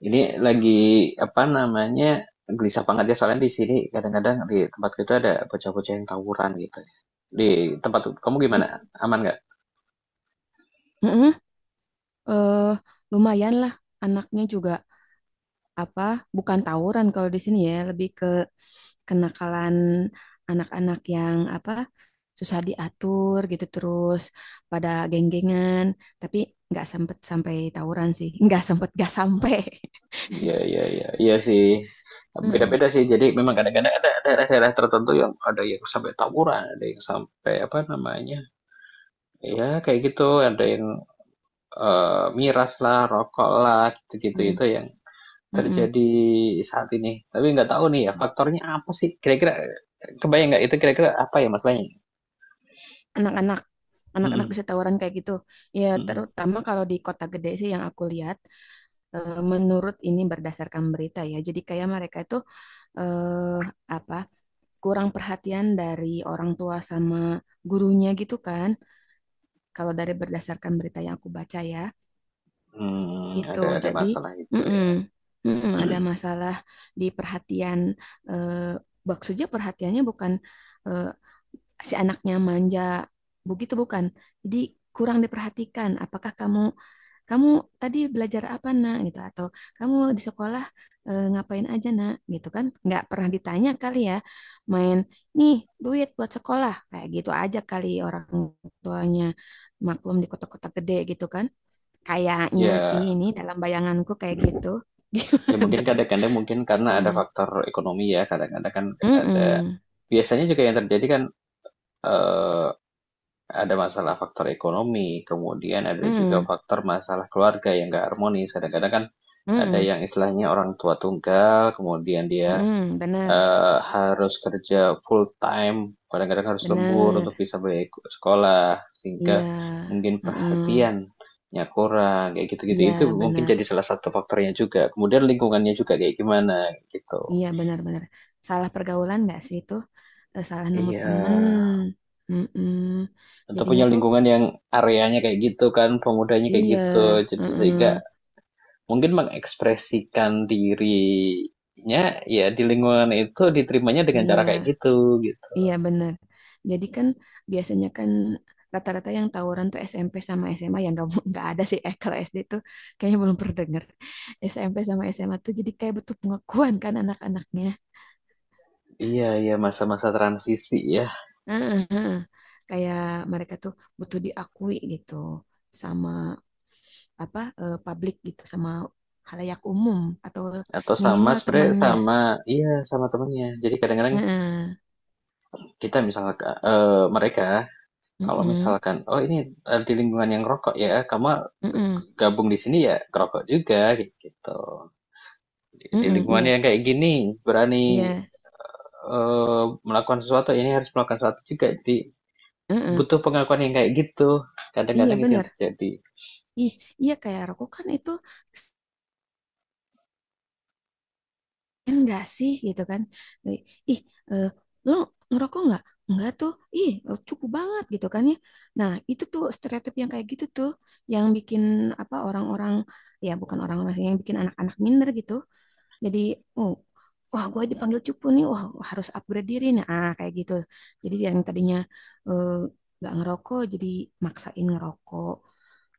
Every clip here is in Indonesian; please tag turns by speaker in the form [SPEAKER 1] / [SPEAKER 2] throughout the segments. [SPEAKER 1] Ini lagi apa namanya, gelisah banget ya soalnya di sini kadang-kadang di tempat itu ada bocah-bocah yang tawuran gitu. Di tempat kamu gimana?
[SPEAKER 2] Mm,
[SPEAKER 1] Aman nggak?
[SPEAKER 2] mm-mm. Eh, Lumayan lah, anaknya juga apa bukan tawuran kalau di sini ya lebih ke kenakalan anak-anak yang apa susah diatur gitu terus pada geng-gengan, tapi nggak sempet sampai tawuran sih. Nggak sempet, nggak sampai.
[SPEAKER 1] Ya, iya sih.
[SPEAKER 2] Mm,
[SPEAKER 1] Beda-beda sih. Jadi memang kadang-kadang ada daerah-daerah tertentu yang ada yang sampai tawuran, ada yang sampai apa namanya? Ya kayak gitu, ada yang miras lah, rokok lah, gitu-gitu
[SPEAKER 2] mm,
[SPEAKER 1] itu yang
[SPEAKER 2] mm-mm.
[SPEAKER 1] terjadi saat ini. Tapi nggak tahu nih ya faktornya apa sih? Kira-kira kebayang nggak itu kira-kira apa ya masalahnya?
[SPEAKER 2] anak-anak anak-anak
[SPEAKER 1] Mhm
[SPEAKER 2] bisa tawuran kayak gitu ya
[SPEAKER 1] mhm.
[SPEAKER 2] terutama kalau di kota gede sih yang aku lihat. Menurut ini berdasarkan berita ya, jadi kayak mereka itu eh, apa kurang perhatian dari orang tua sama gurunya gitu kan. Kalau dari berdasarkan berita yang aku baca ya, itu
[SPEAKER 1] Ada
[SPEAKER 2] jadi
[SPEAKER 1] masalah itu
[SPEAKER 2] mm-mm,
[SPEAKER 1] ya.
[SPEAKER 2] mm-mm, ada masalah di perhatian. eh, Maksudnya perhatiannya bukan eh, si anaknya manja begitu, bukan. Jadi kurang diperhatikan apakah kamu kamu tadi belajar apa nak gitu, atau kamu di sekolah ngapain aja nak gitu kan, nggak pernah ditanya kali ya, main nih duit buat sekolah kayak gitu aja kali orang tuanya, maklum di kota-kota gede gitu kan, kayaknya sih
[SPEAKER 1] Ya
[SPEAKER 2] ini dalam bayanganku kayak gitu.
[SPEAKER 1] ya,
[SPEAKER 2] Gimana
[SPEAKER 1] mungkin
[SPEAKER 2] tuh?
[SPEAKER 1] kadang-kadang mungkin karena ada
[SPEAKER 2] Mm-mm.
[SPEAKER 1] faktor ekonomi ya, kadang-kadang kan ada
[SPEAKER 2] Mm-mm.
[SPEAKER 1] biasanya juga yang terjadi kan, eee, ada masalah faktor ekonomi, kemudian ada juga
[SPEAKER 2] Mm-mm.
[SPEAKER 1] faktor masalah keluarga yang nggak harmonis. Kadang-kadang kan ada
[SPEAKER 2] Mm-mm.
[SPEAKER 1] yang istilahnya orang tua tunggal, kemudian dia
[SPEAKER 2] Mm-mm. Benar
[SPEAKER 1] harus kerja full time, kadang-kadang harus lembur untuk
[SPEAKER 2] benar,
[SPEAKER 1] bisa bayar sekolah, sehingga
[SPEAKER 2] iya.
[SPEAKER 1] mungkin
[SPEAKER 2] Mm-mm.
[SPEAKER 1] perhatiannya kurang, kayak gitu-gitu.
[SPEAKER 2] Iya,
[SPEAKER 1] Itu mungkin
[SPEAKER 2] benar.
[SPEAKER 1] jadi salah satu faktornya juga, kemudian lingkungannya juga kayak gimana, gitu.
[SPEAKER 2] Iya, benar-benar salah pergaulan nggak sih itu. Salah nemu
[SPEAKER 1] Iya,
[SPEAKER 2] temen. Mm-mm.
[SPEAKER 1] atau
[SPEAKER 2] Jadinya
[SPEAKER 1] punya
[SPEAKER 2] tuh
[SPEAKER 1] lingkungan yang areanya kayak gitu kan, pemudanya kayak
[SPEAKER 2] iya,
[SPEAKER 1] gitu, jadi
[SPEAKER 2] mm-mm.
[SPEAKER 1] sehingga mungkin mengekspresikan dirinya, ya di lingkungan itu diterimanya dengan cara kayak
[SPEAKER 2] Iya,
[SPEAKER 1] gitu, gitu.
[SPEAKER 2] iya, benar, jadi kan biasanya kan rata-rata yang tawuran tuh SMP sama SMA yang nggak, nggak ada sih, kalau SD tuh kayaknya belum pernah denger. SMP sama SMA tuh jadi kayak butuh pengakuan kan anak-anaknya.
[SPEAKER 1] Iya iya, masa-masa transisi ya.
[SPEAKER 2] Heeh, heeh. Kayak mereka tuh butuh diakui gitu sama apa publik gitu, sama halayak umum, atau
[SPEAKER 1] Atau sama
[SPEAKER 2] minimal
[SPEAKER 1] sebenarnya
[SPEAKER 2] temennya.
[SPEAKER 1] sama iya sama temennya. Jadi kadang-kadang
[SPEAKER 2] Heeh.
[SPEAKER 1] kita misalkan mereka kalau
[SPEAKER 2] Heeh.
[SPEAKER 1] misalkan oh ini di lingkungan yang rokok ya, kamu
[SPEAKER 2] Heeh.
[SPEAKER 1] gabung di sini ya kerokok juga gitu. Di
[SPEAKER 2] Heeh.
[SPEAKER 1] lingkungan
[SPEAKER 2] Iya,
[SPEAKER 1] yang kayak gini berani
[SPEAKER 2] iya.
[SPEAKER 1] melakukan sesuatu ini harus melakukan sesuatu juga. Jadi
[SPEAKER 2] Heeh.
[SPEAKER 1] butuh pengakuan yang kayak gitu. Kadang-kadang
[SPEAKER 2] Iya
[SPEAKER 1] itu yang
[SPEAKER 2] bener.
[SPEAKER 1] terjadi.
[SPEAKER 2] Ih, iya kayak rokok kan itu enggak sih gitu kan. Eh, Ih, eh, lo ngerokok nggak? Enggak tuh. Ih, cukup banget gitu kan ya. Nah, itu tuh stereotip yang kayak gitu tuh yang bikin apa orang-orang, ya bukan orang-orang sih, yang bikin anak-anak minder gitu. Jadi, oh, wah gue dipanggil cupu nih, wah harus upgrade diri nih. Ah, kayak gitu. Jadi yang tadinya eh, nggak ngerokok, jadi maksain ngerokok.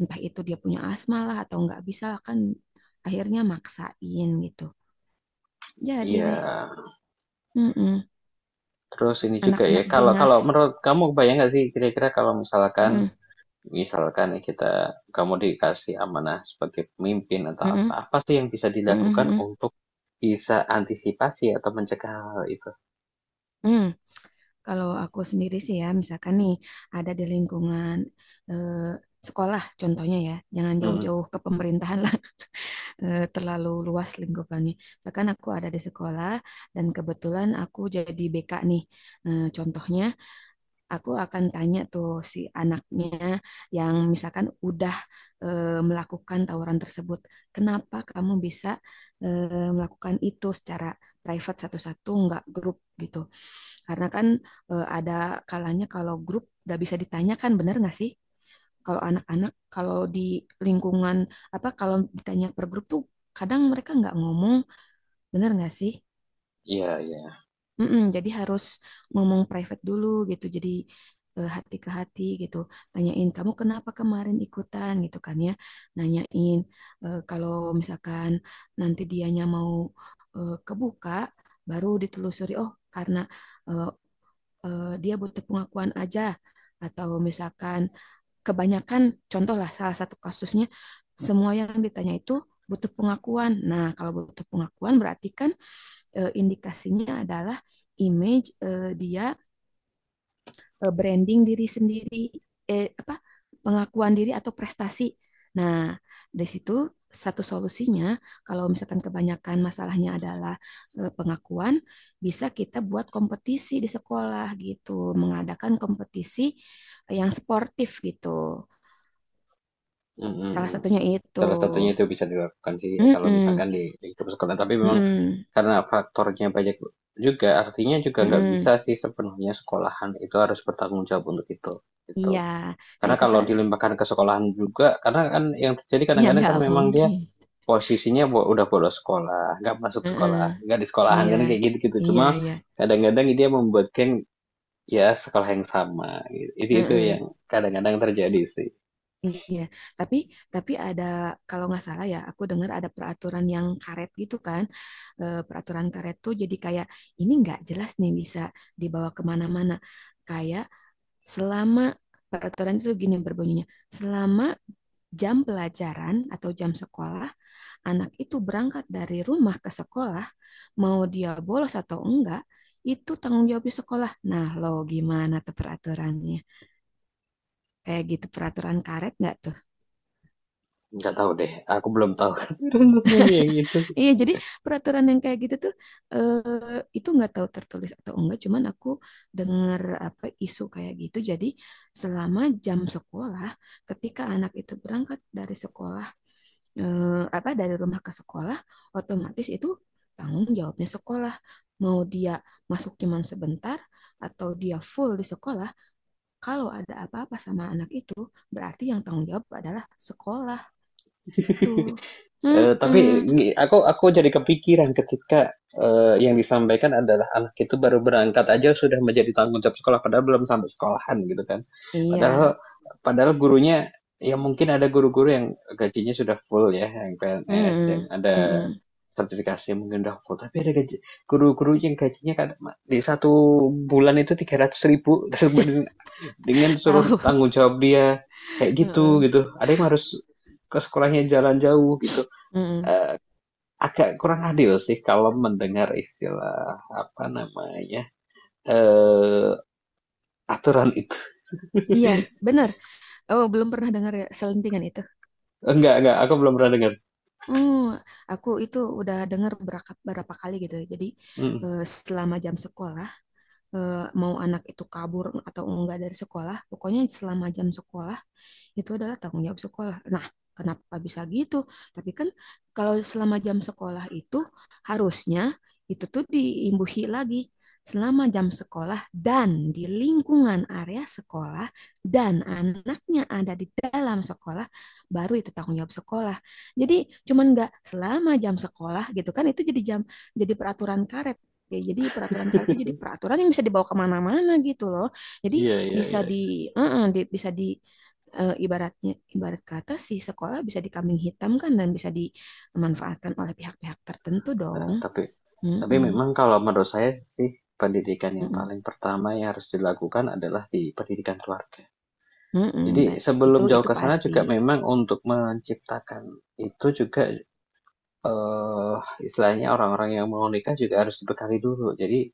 [SPEAKER 2] Entah itu dia punya asma lah atau nggak bisa lah kan akhirnya maksain gitu. Jadi
[SPEAKER 1] Iya.
[SPEAKER 2] deh, mm-mm.
[SPEAKER 1] Terus ini juga ya
[SPEAKER 2] Anak-anak
[SPEAKER 1] kalau
[SPEAKER 2] beringas.
[SPEAKER 1] kalau menurut kamu bayang nggak sih kira-kira kalau misalkan
[SPEAKER 2] Mm-mm.
[SPEAKER 1] misalkan nih kita kamu dikasih amanah sebagai pemimpin atau
[SPEAKER 2] Mm-mm.
[SPEAKER 1] apa, apa sih yang bisa
[SPEAKER 2] Mm-mm.
[SPEAKER 1] dilakukan
[SPEAKER 2] Mm-mm.
[SPEAKER 1] untuk bisa antisipasi atau mencegah hal itu?
[SPEAKER 2] Mm. Kalau aku sendiri sih ya, misalkan nih ada di lingkungan eh, sekolah contohnya ya, jangan
[SPEAKER 1] Mhm.
[SPEAKER 2] jauh-jauh ke pemerintahan lah. Terlalu luas lingkupannya. Misalkan aku ada di sekolah dan kebetulan aku jadi BK nih. Contohnya, aku akan tanya tuh si anaknya yang misalkan udah melakukan tawuran tersebut, kenapa kamu bisa melakukan itu secara private satu-satu, nggak grup gitu. Karena kan ada kalanya kalau grup nggak bisa ditanyakan, bener nggak sih? Kalau anak-anak, kalau di lingkungan apa, kalau ditanya per grup tuh kadang mereka nggak ngomong, bener nggak sih?
[SPEAKER 1] Iya iya.
[SPEAKER 2] Mm-mm, jadi harus ngomong private dulu gitu. Jadi hati ke hati gitu. Tanyain kamu kenapa kemarin ikutan gitu kan ya. Nanyain kalau misalkan nanti dianya mau kebuka, baru ditelusuri. Oh, karena eh, dia butuh pengakuan aja, atau misalkan kebanyakan, contoh lah salah satu kasusnya semua yang ditanya itu butuh pengakuan. Nah, kalau butuh pengakuan berarti kan indikasinya adalah image, dia branding diri sendiri, apa, pengakuan diri atau prestasi. Nah, dari situ satu solusinya kalau misalkan kebanyakan masalahnya adalah pengakuan, bisa kita buat kompetisi di sekolah gitu, mengadakan kompetisi yang sportif gitu.
[SPEAKER 1] Mhm,
[SPEAKER 2] Salah
[SPEAKER 1] mhm.
[SPEAKER 2] satunya itu.
[SPEAKER 1] Salah satunya itu bisa dilakukan sih ya kalau
[SPEAKER 2] Mm-mm.
[SPEAKER 1] misalkan di lingkup sekolah. Tapi memang
[SPEAKER 2] Mm-mm.
[SPEAKER 1] karena faktornya banyak juga, artinya juga nggak bisa
[SPEAKER 2] Mm-mm.
[SPEAKER 1] sih sepenuhnya sekolahan itu harus bertanggung jawab untuk itu, gitu.
[SPEAKER 2] Iya. Nah,
[SPEAKER 1] Karena
[SPEAKER 2] itu
[SPEAKER 1] kalau
[SPEAKER 2] saya
[SPEAKER 1] dilimpahkan ke sekolahan juga, karena kan yang terjadi
[SPEAKER 2] ya
[SPEAKER 1] kadang-kadang
[SPEAKER 2] nggak
[SPEAKER 1] kan memang dia
[SPEAKER 2] mungkin.
[SPEAKER 1] posisinya udah bolos sekolah, nggak masuk
[SPEAKER 2] Mm-mm.
[SPEAKER 1] sekolah, nggak di sekolahan
[SPEAKER 2] Iya.
[SPEAKER 1] kan kayak gitu-gitu.
[SPEAKER 2] Iya,
[SPEAKER 1] Cuma
[SPEAKER 2] iya.
[SPEAKER 1] kadang-kadang dia membuat geng ya sekolah yang sama, gitu. Itu
[SPEAKER 2] Mm-mm.
[SPEAKER 1] yang kadang-kadang terjadi sih.
[SPEAKER 2] Iya. Tapi tapi ada, kalau nggak salah ya, aku dengar ada peraturan yang karet gitu kan. Peraturan karet tuh jadi kayak ini nggak jelas nih, bisa dibawa kemana-mana. Kayak selama peraturan itu gini berbunyinya, selama jam pelajaran atau jam sekolah anak itu berangkat dari rumah ke sekolah, mau dia bolos atau enggak, itu tanggung jawabnya sekolah. Nah, lo gimana tuh peraturannya? Kayak gitu peraturan karet nggak tuh?
[SPEAKER 1] Nggak tahu deh, aku belum tahu tentang yang itu.
[SPEAKER 2] Iya, jadi peraturan yang kayak gitu tuh itu nggak tahu tertulis atau enggak, cuman aku dengar apa isu kayak gitu. Jadi selama jam sekolah, ketika anak itu berangkat dari sekolah eh, apa dari rumah ke sekolah, otomatis itu tanggung jawabnya sekolah, mau dia masuk cuman sebentar atau dia full di sekolah, kalau ada apa-apa sama anak itu berarti yang tanggung jawab adalah sekolah gitu.
[SPEAKER 1] Tapi
[SPEAKER 2] Mm-mm.
[SPEAKER 1] aku jadi kepikiran ketika, yang disampaikan adalah anak itu baru berangkat aja sudah menjadi tanggung jawab sekolah, padahal belum sampai sekolahan gitu kan.
[SPEAKER 2] Iya.
[SPEAKER 1] Padahal padahal gurunya ya mungkin ada guru-guru yang gajinya sudah full ya, yang PNS, yang
[SPEAKER 2] Mm-mm.
[SPEAKER 1] ada
[SPEAKER 2] Mm-mm.
[SPEAKER 1] sertifikasi mungkin udah full, tapi ada gaji guru-guru yang gajinya kadang di satu bulan itu 300.000 dengan suruh
[SPEAKER 2] Tahu.
[SPEAKER 1] tanggung jawab dia kayak gitu
[SPEAKER 2] Mm-mm.
[SPEAKER 1] gitu. Ada yang harus ke sekolahnya jalan jauh gitu,
[SPEAKER 2] Mm-mm.
[SPEAKER 1] eee agak kurang adil sih kalau mendengar istilah apa namanya eh aturan itu.
[SPEAKER 2] Iya, benar. Oh, belum pernah dengar ya selentingan itu.
[SPEAKER 1] Enggak, aku belum pernah dengar.
[SPEAKER 2] Hmm, aku itu udah dengar berapa berapa kali gitu. Jadi
[SPEAKER 1] Mm,
[SPEAKER 2] eh, selama jam sekolah, eh, mau anak itu kabur atau enggak dari sekolah, pokoknya selama jam sekolah itu adalah tanggung jawab sekolah. Nah, kenapa bisa gitu? Tapi kan kalau selama jam sekolah itu harusnya itu tuh diimbuhi lagi, selama jam sekolah dan di lingkungan area sekolah dan anaknya ada di dalam sekolah, baru itu tanggung jawab sekolah. Jadi cuman nggak selama jam sekolah gitu kan, itu jadi jam, jadi peraturan karet, ya jadi peraturan karet itu jadi peraturan yang bisa dibawa kemana-mana gitu loh, jadi
[SPEAKER 1] iya, iya, iya.
[SPEAKER 2] bisa di ibaratnya, ibarat kata si sekolah bisa dikambing hitam kan dan bisa dimanfaatkan oleh pihak-pihak tertentu
[SPEAKER 1] Eh,
[SPEAKER 2] dong.
[SPEAKER 1] tapi tapi
[SPEAKER 2] Mm-mm,
[SPEAKER 1] memang kalau menurut saya sih pendidikan yang
[SPEAKER 2] mm-mm,
[SPEAKER 1] paling pertama yang harus dilakukan adalah di pendidikan keluarga.
[SPEAKER 2] mm-mm,
[SPEAKER 1] Jadi sebelum
[SPEAKER 2] itu
[SPEAKER 1] jauh
[SPEAKER 2] itu
[SPEAKER 1] ke sana
[SPEAKER 2] pasti.
[SPEAKER 1] juga memang untuk menciptakan itu juga Eee, istilahnya orang-orang yang mau nikah juga harus dibekali dulu. Jadi,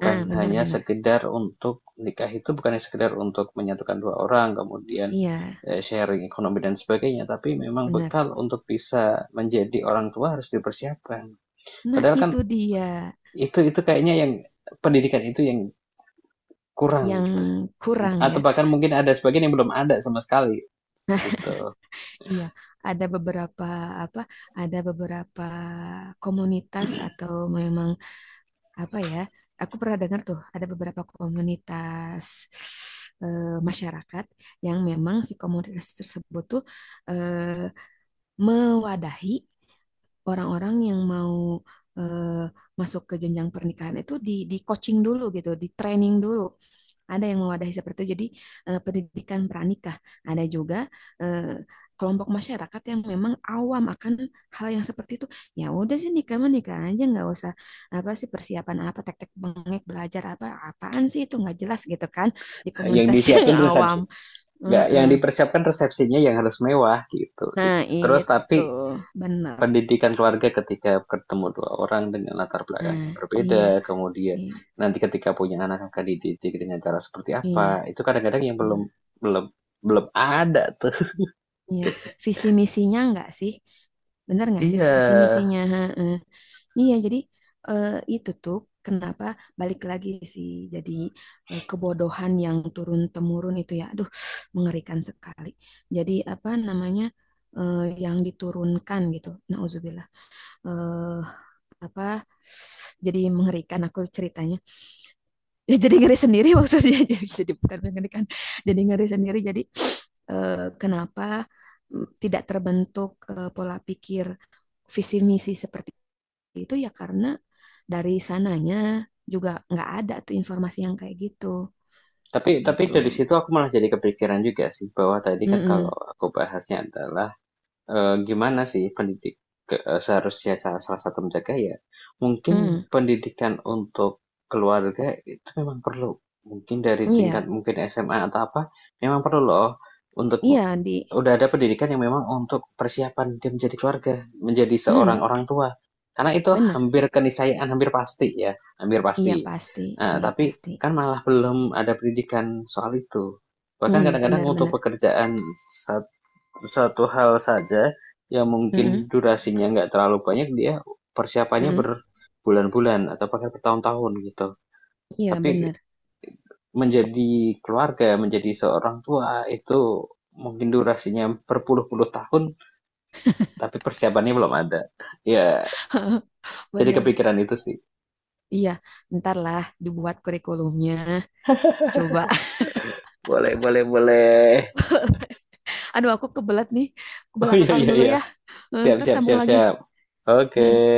[SPEAKER 2] Ah,
[SPEAKER 1] hanya
[SPEAKER 2] benar-benar.
[SPEAKER 1] sekedar untuk nikah itu bukan hanya sekedar untuk menyatukan 2 orang, kemudian,
[SPEAKER 2] Iya,
[SPEAKER 1] sharing ekonomi dan sebagainya, tapi memang
[SPEAKER 2] benar.
[SPEAKER 1] bekal untuk bisa menjadi orang tua harus dipersiapkan.
[SPEAKER 2] Nah,
[SPEAKER 1] Padahal kan
[SPEAKER 2] itu dia
[SPEAKER 1] itu kayaknya yang pendidikan itu yang kurang
[SPEAKER 2] yang
[SPEAKER 1] gitu,
[SPEAKER 2] kurang ya.
[SPEAKER 1] atau bahkan mungkin ada sebagian yang belum ada sama sekali, gitu.
[SPEAKER 2] Iya, ada beberapa apa? Ada beberapa komunitas, atau memang apa ya? Aku pernah dengar tuh ada beberapa komunitas eh, masyarakat yang memang si komunitas tersebut tuh eh, mewadahi orang-orang yang mau eh, masuk ke jenjang pernikahan itu di coaching dulu gitu, di training dulu. Ada yang mewadahi seperti itu. Jadi pendidikan pranikah. Ada juga eh, kelompok masyarakat yang memang awam akan hal yang seperti itu. Ya udah sih, nikah mah nikah aja, nggak usah apa sih persiapan, apa tek-tek bengek belajar apa apaan sih itu nggak jelas gitu kan, di
[SPEAKER 1] Yang
[SPEAKER 2] komunitas yang
[SPEAKER 1] disiapin
[SPEAKER 2] awam.
[SPEAKER 1] resepsi nggak, yang
[SPEAKER 2] Heeh.
[SPEAKER 1] dipersiapkan resepsinya yang harus mewah gitu,
[SPEAKER 2] Nah
[SPEAKER 1] terus
[SPEAKER 2] itu
[SPEAKER 1] tapi
[SPEAKER 2] benar.
[SPEAKER 1] pendidikan keluarga ketika ketemu dua orang dengan latar belakang
[SPEAKER 2] Nah
[SPEAKER 1] yang
[SPEAKER 2] iya,
[SPEAKER 1] berbeda, kemudian
[SPEAKER 2] iya,
[SPEAKER 1] nanti ketika punya anak akan dididik dengan cara seperti
[SPEAKER 2] iya.
[SPEAKER 1] apa, itu kadang-kadang yang belum
[SPEAKER 2] Mm.
[SPEAKER 1] belum belum ada tuh.
[SPEAKER 2] Iya, visi misinya enggak sih? Bener nggak sih
[SPEAKER 1] Iya.
[SPEAKER 2] visi misinya? Heeh. Iya, jadi eh, itu tuh kenapa balik lagi sih, jadi kebodohan yang turun temurun itu ya, aduh mengerikan sekali. Jadi apa namanya eh, yang diturunkan gitu, nauzubillah. Eh, Apa, jadi mengerikan aku ceritanya, ya jadi ngeri sendiri maksudnya. jadi, bukan mengerikan, jadi ngeri sendiri. Jadi kenapa tidak terbentuk pola pikir visi misi seperti itu, ya karena dari sananya juga nggak ada tuh informasi yang kayak gitu
[SPEAKER 1] Tapi dari
[SPEAKER 2] gitu.
[SPEAKER 1] situ aku malah jadi kepikiran juga sih bahwa tadi kan kalau
[SPEAKER 2] Mm-mm.
[SPEAKER 1] aku bahasnya adalah gimana sih ke seharusnya salah satu menjaga ya, mungkin
[SPEAKER 2] Mm.
[SPEAKER 1] pendidikan untuk keluarga itu memang perlu. Mungkin dari tingkat
[SPEAKER 2] Iya,
[SPEAKER 1] mungkin SMA atau apa, memang perlu loh untuk
[SPEAKER 2] iya, di.
[SPEAKER 1] udah ada pendidikan yang memang untuk persiapan dia menjadi keluarga, menjadi
[SPEAKER 2] Mm,
[SPEAKER 1] seorang orang tua. Karena itu
[SPEAKER 2] bener.
[SPEAKER 1] hampir keniscayaan, hampir pasti ya, hampir
[SPEAKER 2] Iya
[SPEAKER 1] pasti.
[SPEAKER 2] pasti.
[SPEAKER 1] Nah,
[SPEAKER 2] Iya
[SPEAKER 1] tapi
[SPEAKER 2] pasti.
[SPEAKER 1] kan malah belum ada pendidikan soal itu. Bahkan
[SPEAKER 2] Mm,
[SPEAKER 1] kadang-kadang
[SPEAKER 2] bener
[SPEAKER 1] untuk
[SPEAKER 2] bener.
[SPEAKER 1] pekerjaan satu hal saja yang
[SPEAKER 2] Mm-mm.
[SPEAKER 1] mungkin durasinya nggak terlalu banyak, dia persiapannya
[SPEAKER 2] Mm-mm.
[SPEAKER 1] berbulan-bulan atau bahkan bertahun-tahun gitu.
[SPEAKER 2] Iya
[SPEAKER 1] Tapi
[SPEAKER 2] bener
[SPEAKER 1] menjadi keluarga, menjadi seorang tua itu mungkin durasinya berpuluh-puluh tahun, tapi persiapannya belum ada. Ya, jadi
[SPEAKER 2] bener,
[SPEAKER 1] kepikiran itu sih.
[SPEAKER 2] iya ntar lah dibuat kurikulumnya coba.
[SPEAKER 1] Boleh, boleh, boleh.
[SPEAKER 2] Aduh, aku kebelat nih. Ke
[SPEAKER 1] Oh iya,
[SPEAKER 2] belakang
[SPEAKER 1] iya,
[SPEAKER 2] dulu
[SPEAKER 1] iya.
[SPEAKER 2] ya. Eh,
[SPEAKER 1] Siap,
[SPEAKER 2] Ntar
[SPEAKER 1] siap,
[SPEAKER 2] sambung
[SPEAKER 1] siap,
[SPEAKER 2] lagi.
[SPEAKER 1] siap. Oke.
[SPEAKER 2] Eh.